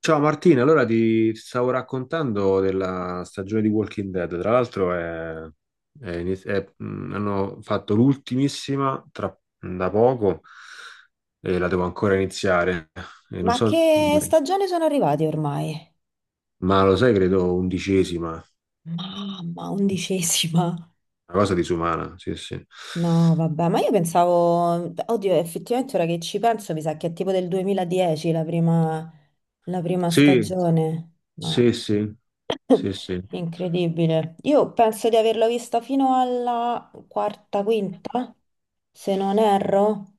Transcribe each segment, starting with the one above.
Ciao Martina, allora ti stavo raccontando della stagione di Walking Dead, tra l'altro hanno fatto l'ultimissima da poco e la devo ancora iniziare. E non Ma so, che stagione sono arrivati ormai? ma lo sai, credo undicesima, una Mamma, 11ª. cosa disumana, sì sì. No, vabbè, ma io pensavo, oddio, effettivamente ora che ci penso, mi sa che è tipo del 2010 la prima Sì, stagione. sì, Ma sì, sì, sì, incredibile. Io penso di averla vista fino alla quarta, quinta, se non erro.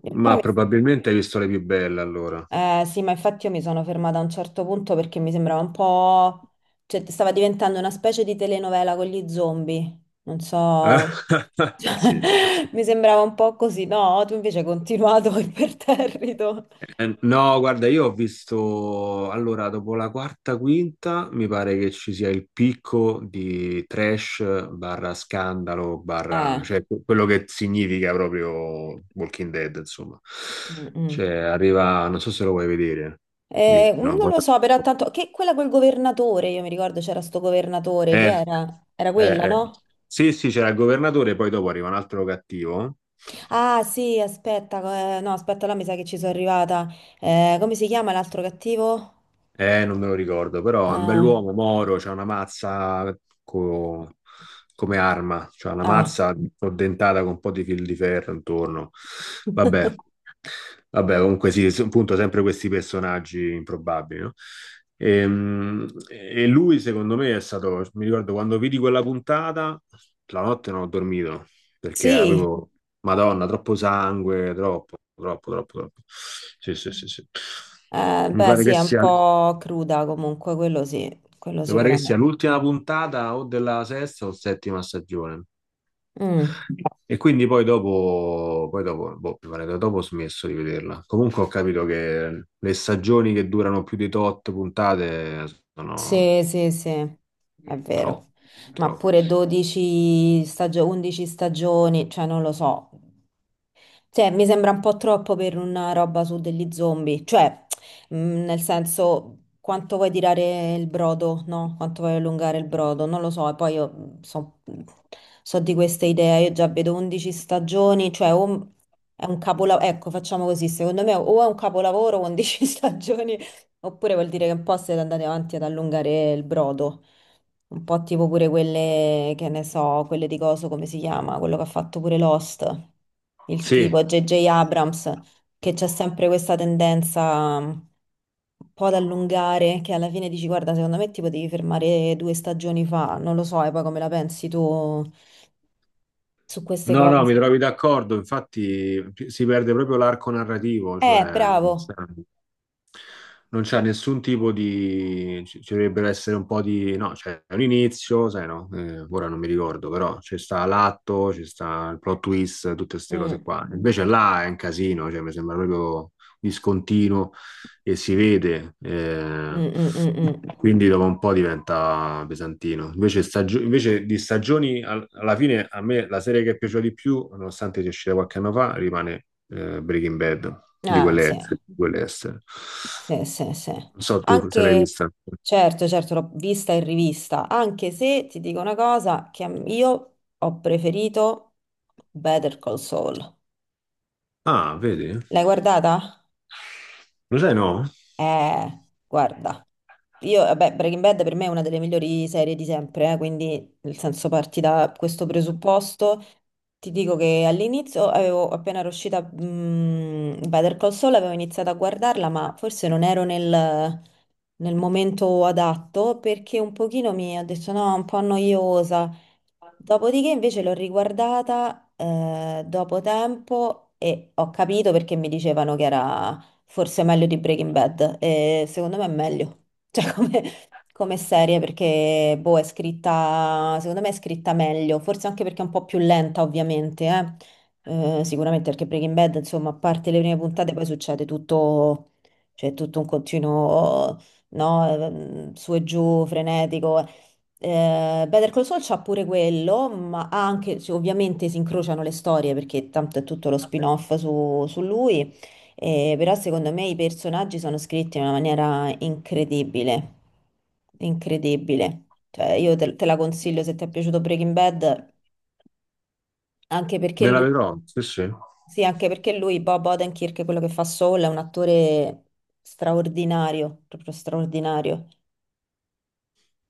E poi ma mi probabilmente hai visto le più belle allora. Sì, ma infatti io mi sono fermata a un certo punto perché mi sembrava un po', cioè, stava diventando una specie di telenovela con gli zombie. Non so. Sì, sì. Mi sembrava un po' così, no? Tu invece hai continuato imperterrito. No, guarda, io ho visto, allora, dopo la quarta, quinta, mi pare che ci sia il picco di trash barra scandalo barra, Eh, cioè quello che significa proprio Walking Dead, insomma. mm, mm. Cioè, arriva, non so se lo vuoi vedere. Io non Non lo voglio- so, però tanto. Che quella col governatore, io mi ricordo c'era sto governatore, che Eh, era? Era quella, eh. no? Sì, sì, c'era il governatore, poi dopo arriva un altro cattivo. Ah, sì, aspetta, no, aspetta, là mi sa che ci sono arrivata. Come si chiama l'altro cattivo? Non me lo ricordo, però è un Ah, bell'uomo, Moro, c'ha una mazza co- come arma, c'ha una ah. mazza addentata con un po' di fil di ferro intorno. Vabbè, vabbè, comunque sì, appunto sempre questi personaggi improbabili, no? E, lui secondo me è stato, mi ricordo quando vidi quella puntata, la notte non ho dormito, perché Sì, avevo, Madonna, troppo sangue, troppo, troppo, troppo, troppo. Sì, sì, sì, sì. Mi beh, pare sì, che è un sia... po' cruda comunque, quello sì, quello Mi pare che sia sicuramente. l'ultima puntata o della sesta o settima stagione. Mm, E quindi poi dopo, boh, mi pare che dopo ho smesso di vederla. Comunque ho capito che le stagioni che durano più di tot puntate sono sì, sì, sì, è vero. troppo, Ma troppo. pure 11 stagioni, cioè non lo so. Cioè, mi sembra un po' troppo per una roba su degli zombie, cioè, nel senso, quanto vuoi tirare il brodo, no? Quanto vuoi allungare il brodo, non lo so, e poi io so di queste idee, io già vedo 11 stagioni, cioè, o è un capolavoro, ecco, facciamo così, secondo me o è un capolavoro 11 stagioni, oppure vuol dire che un po' siete andati avanti ad allungare il brodo. Un po' tipo pure quelle, che ne so, quelle di coso, come si chiama? Quello che ha fatto pure Lost, il Sì, tipo J.J. Abrams, che c'è sempre questa tendenza un po' ad allungare, che alla fine dici, guarda, secondo me ti potevi fermare due stagioni fa, non lo so, e poi come la pensi tu su queste no, no, mi cose? trovi d'accordo, infatti si perde proprio l'arco narrativo, cioè non c'è Bravo. non c'è nessun tipo di... ci dovrebbero essere un po' di... no, c'è un inizio, sai no, ora non mi ricordo, però c'è sta l'atto, c'è sta il plot twist, tutte queste cose Mm, qua. Invece là è un casino, cioè mi sembra proprio discontinuo e si vede, mm, mm, mm, mm. quindi dopo un po' diventa pesantino. Invece, invece di stagioni, alla fine a me la serie che è piaciuta di più, nonostante sia uscita qualche anno fa, rimane Breaking Bad, Ah, sì. Di quelle estere. Sì, sì, sì. Non so tu se l'hai Anche, vista. certo, certo, l'ho vista in rivista, anche se ti dico una cosa, che io ho preferito Better Call Saul. Ah, vedi? L'hai guardata? Lo sai, no? Guarda. Io, vabbè, Breaking Bad per me è una delle migliori serie di sempre, quindi nel senso parti da questo presupposto. Ti dico che all'inizio avevo appena era uscita Better Call Saul, avevo iniziato a guardarla, ma forse non ero nel momento adatto perché un pochino mi ho detto no, è un po' noiosa. Dopodiché invece l'ho riguardata dopo tempo e ho capito perché mi dicevano che era forse è meglio di Breaking Bad. E secondo me è meglio, cioè come, serie, perché boh, è scritta, secondo me è scritta meglio, forse anche perché è un po' più lenta, ovviamente, eh. Sicuramente perché Breaking Bad, insomma, a parte le prime puntate, poi succede tutto, cioè tutto un continuo, no, su e giù, frenetico. Better Call Saul c'ha pure quello, ma ha anche, cioè, ovviamente si incrociano le storie perché tanto è tutto lo spin-off su lui. Però secondo me i personaggi sono scritti in una maniera incredibile, incredibile. Cioè, io te la consiglio se ti è piaciuto Breaking Bad, anche perché Me la lui, vedrò, sì, sì. sì, anche perché lui, Bob Odenkirk, quello che fa Saul, è un attore straordinario, proprio straordinario.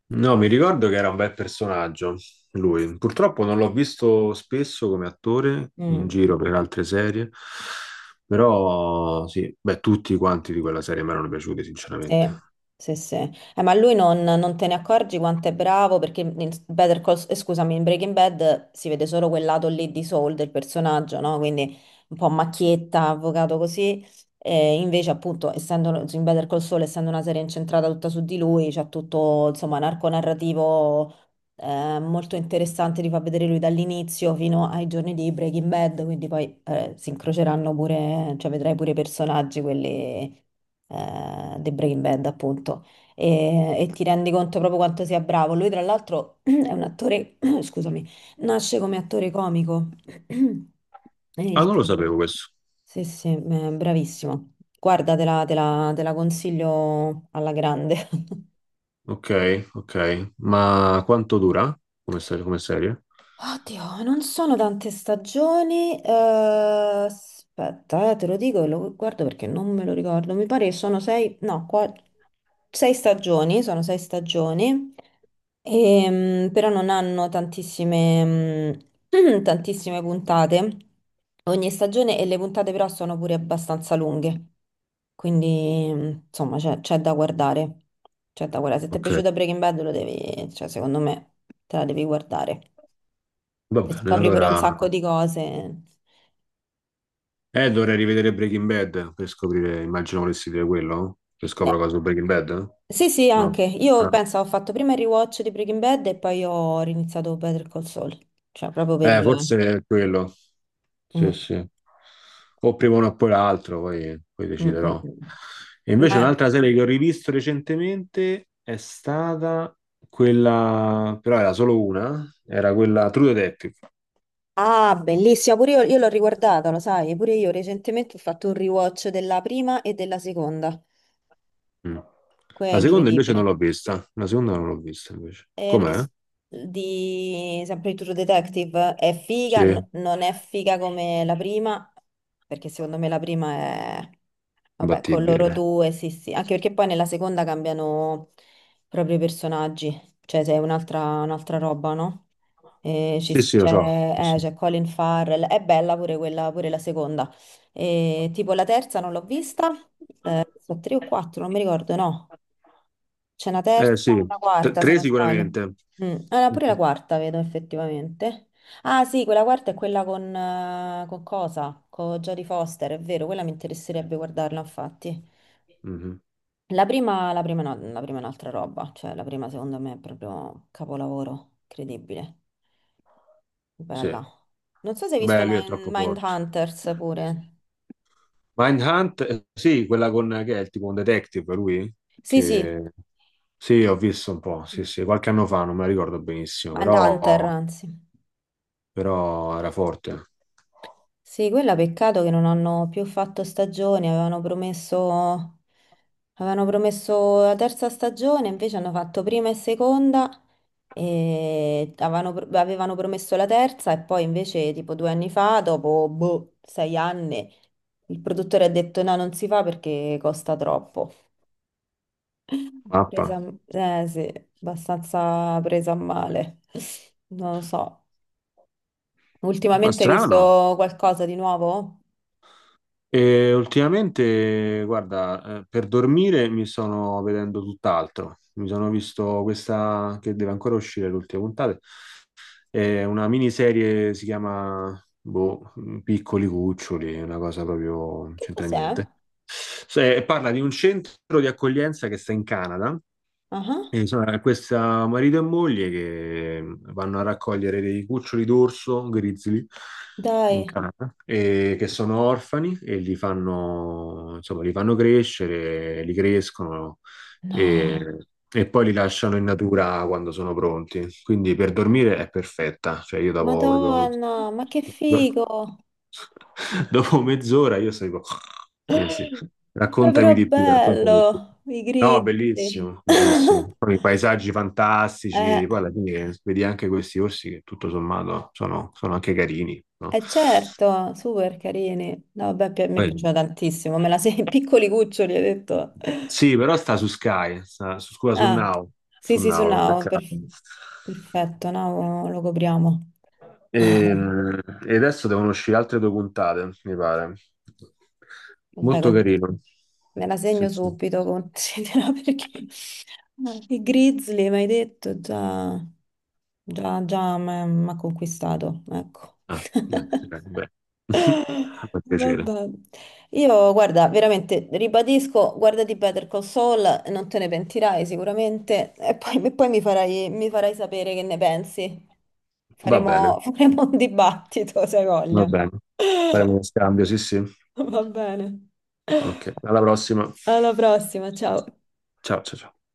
No, mi ricordo che era un bel personaggio, lui. Purtroppo non l'ho visto spesso come attore in Mm. giro per altre serie, però sì, beh, tutti quanti di quella serie mi erano piaciuti, sinceramente. Sì, sì, sì. Ma lui non te ne accorgi quanto è bravo perché in Better Call, scusami, in Breaking Bad si vede solo quel lato lì di Saul del personaggio, no? Quindi un po' macchietta, avvocato così. E invece, appunto, essendo in Better Call Saul, essendo una serie incentrata tutta su di lui, c'è tutto, insomma, narco narrativo è molto interessante, li fa vedere lui dall'inizio fino ai giorni di Breaking Bad, quindi poi si incroceranno pure, cioè vedrai pure i personaggi, quelli di Breaking Bad appunto, e ti rendi conto proprio quanto sia bravo. Lui tra l'altro è un attore, scusami, nasce come attore comico, è Ah, il non lo tipo. sapevo questo. Sì, sì, bravissimo. Guarda, te la consiglio alla grande. Ok, ok. Ma quanto dura come serie? Come serie? Oddio, non sono tante stagioni. Aspetta, te lo dico e lo guardo perché non me lo ricordo. Mi pare che sono sei, no, sei stagioni, sono sei stagioni, però non hanno tantissime, tantissime puntate. Ogni stagione e le puntate però sono pure abbastanza lunghe. Quindi, insomma, c'è da guardare. C'è da guardare. Se ti è Ok, piaciuta Breaking Bad, lo devi, cioè, secondo me, te la devi guardare va che bene, scopri pure un allora... sacco di cose. Dovrei rivedere Breaking Bad per scoprire, immagino volessi dire quello, che scopro Ne- cosa su Breaking Bad? Sì, sì, No. anche. Io Ah. penso ho fatto prima il rewatch di Breaking Bad e poi ho riniziato Better Call Saul. Cioè, proprio per. Forse è quello. Sì, Mm, sì. O prima uno o poi l'altro, poi mm, mm, deciderò. mm, E invece Ma. un'altra serie che ho rivisto recentemente è stata quella, però era solo una, era quella True Detective. Ah, bellissima, pure io l'ho riguardata, lo sai, pure io recentemente ho fatto un rewatch della prima e della seconda. Mm. Quello è incredibile. La seconda non l'ho vista invece. L'ho Com'è? chiesto di sempre di True Detective è figa, Sì, non è figa come la prima, perché secondo me la prima è, vabbè, con loro imbattibile. due, sì, sì, anche perché poi nella seconda cambiano proprio i personaggi, cioè sei un'altra roba, no? E ci Sì, s- sì, lo so. Sì, c'è sì. c'è Colin Farrell, è bella pure quella, pure la seconda. E tipo la terza non l'ho vista, sono tre o quattro, non mi ricordo, no. C'è una terza Eh e sì, una quarta, se tre non sbaglio. sicuramente. Mm. Ah, no, Mhm. pure la quarta vedo effettivamente. Ah, sì, quella quarta è quella con cosa? Con Jodie Foster, è vero, quella mi interesserebbe guardarla, infatti. Mhm. La prima no, la prima è un'altra roba, cioè la prima secondo me è proprio capolavoro, incredibile, Sì, bella. Non so se hai visto beh, lui è troppo forte. Mindhunters pure. Sì, quella con che è il tipo un detective, lui? Sì, sì, Che... Sì, ho visto un po', sì, sì, qualche anno fa, non me la ricordo benissimo, Mindhunter, però, anzi. però era forte. Sì, quella peccato che non hanno più fatto stagioni, avevano promesso la terza stagione, invece hanno fatto prima e seconda, e avevano promesso la terza e poi invece tipo 2 anni fa, dopo boh, 6 anni, il produttore ha detto no, non si fa perché costa troppo. Presa, Mappa. Eh sì, abbastanza presa a male. Non lo so. Ma Ultimamente hai strano. visto qualcosa di nuovo? E ultimamente, guarda, per dormire mi sono vedendo tutt'altro. Mi sono visto questa che deve ancora uscire l'ultima puntata. È una miniserie, si chiama boh, Piccoli Cuccioli, una cosa proprio, non Che c'entra cos'è? niente. Parla di un centro di accoglienza che sta in Canada Ah, e, insomma, questa marito e moglie che vanno a raccogliere dei cuccioli d'orso grizzly in dai, Canada e che sono orfani e li fanno, insomma, li fanno crescere, li crescono e, no. e poi li lasciano in natura quando sono pronti. Quindi per dormire è perfetta, cioè io davo Madonna, ma che proprio... figo! Dopo mezz'ora io seguo. Sì, sì. Beh, Raccontami però di più, raccontami di più. bello, i No, grizzly. bellissimo, bellissimo. Poi i paesaggi fantastici, Eh, poi alla fine vedi anche questi orsi che tutto sommato sono, sono anche carini, no? eh certo, super carini. No, vabbè, mi è Poi- piaciuta tantissimo, me la sei in piccoli cuccioli, hai detto. sì, però sta su Sky, sta su, scusa, Ah, sì, su sì, su Now l'ho Now, beccato. perfetto, Now lo copriamo. E, e adesso devono uscire altre due puntate, mi pare. Vabbè, Molto carino. me la Sì, segno sì. subito, considera, perché i Grizzly, mi hai detto, già, già, già mi ha conquistato, ecco. Ah, beh, beh, beh. Fa piacere. Vabbè. Io, guarda, veramente, ribadisco, guardati Better Call Saul, non te ne pentirai sicuramente, e poi mi farai sapere che ne pensi. Va bene, Faremo, faremo un dibattito, se hai va voglia. bene. Faremo uno scambio, sì, sì. Va bene. Ok, alla prossima. Alla prossima, ciao. Ciao, ciao, ciao.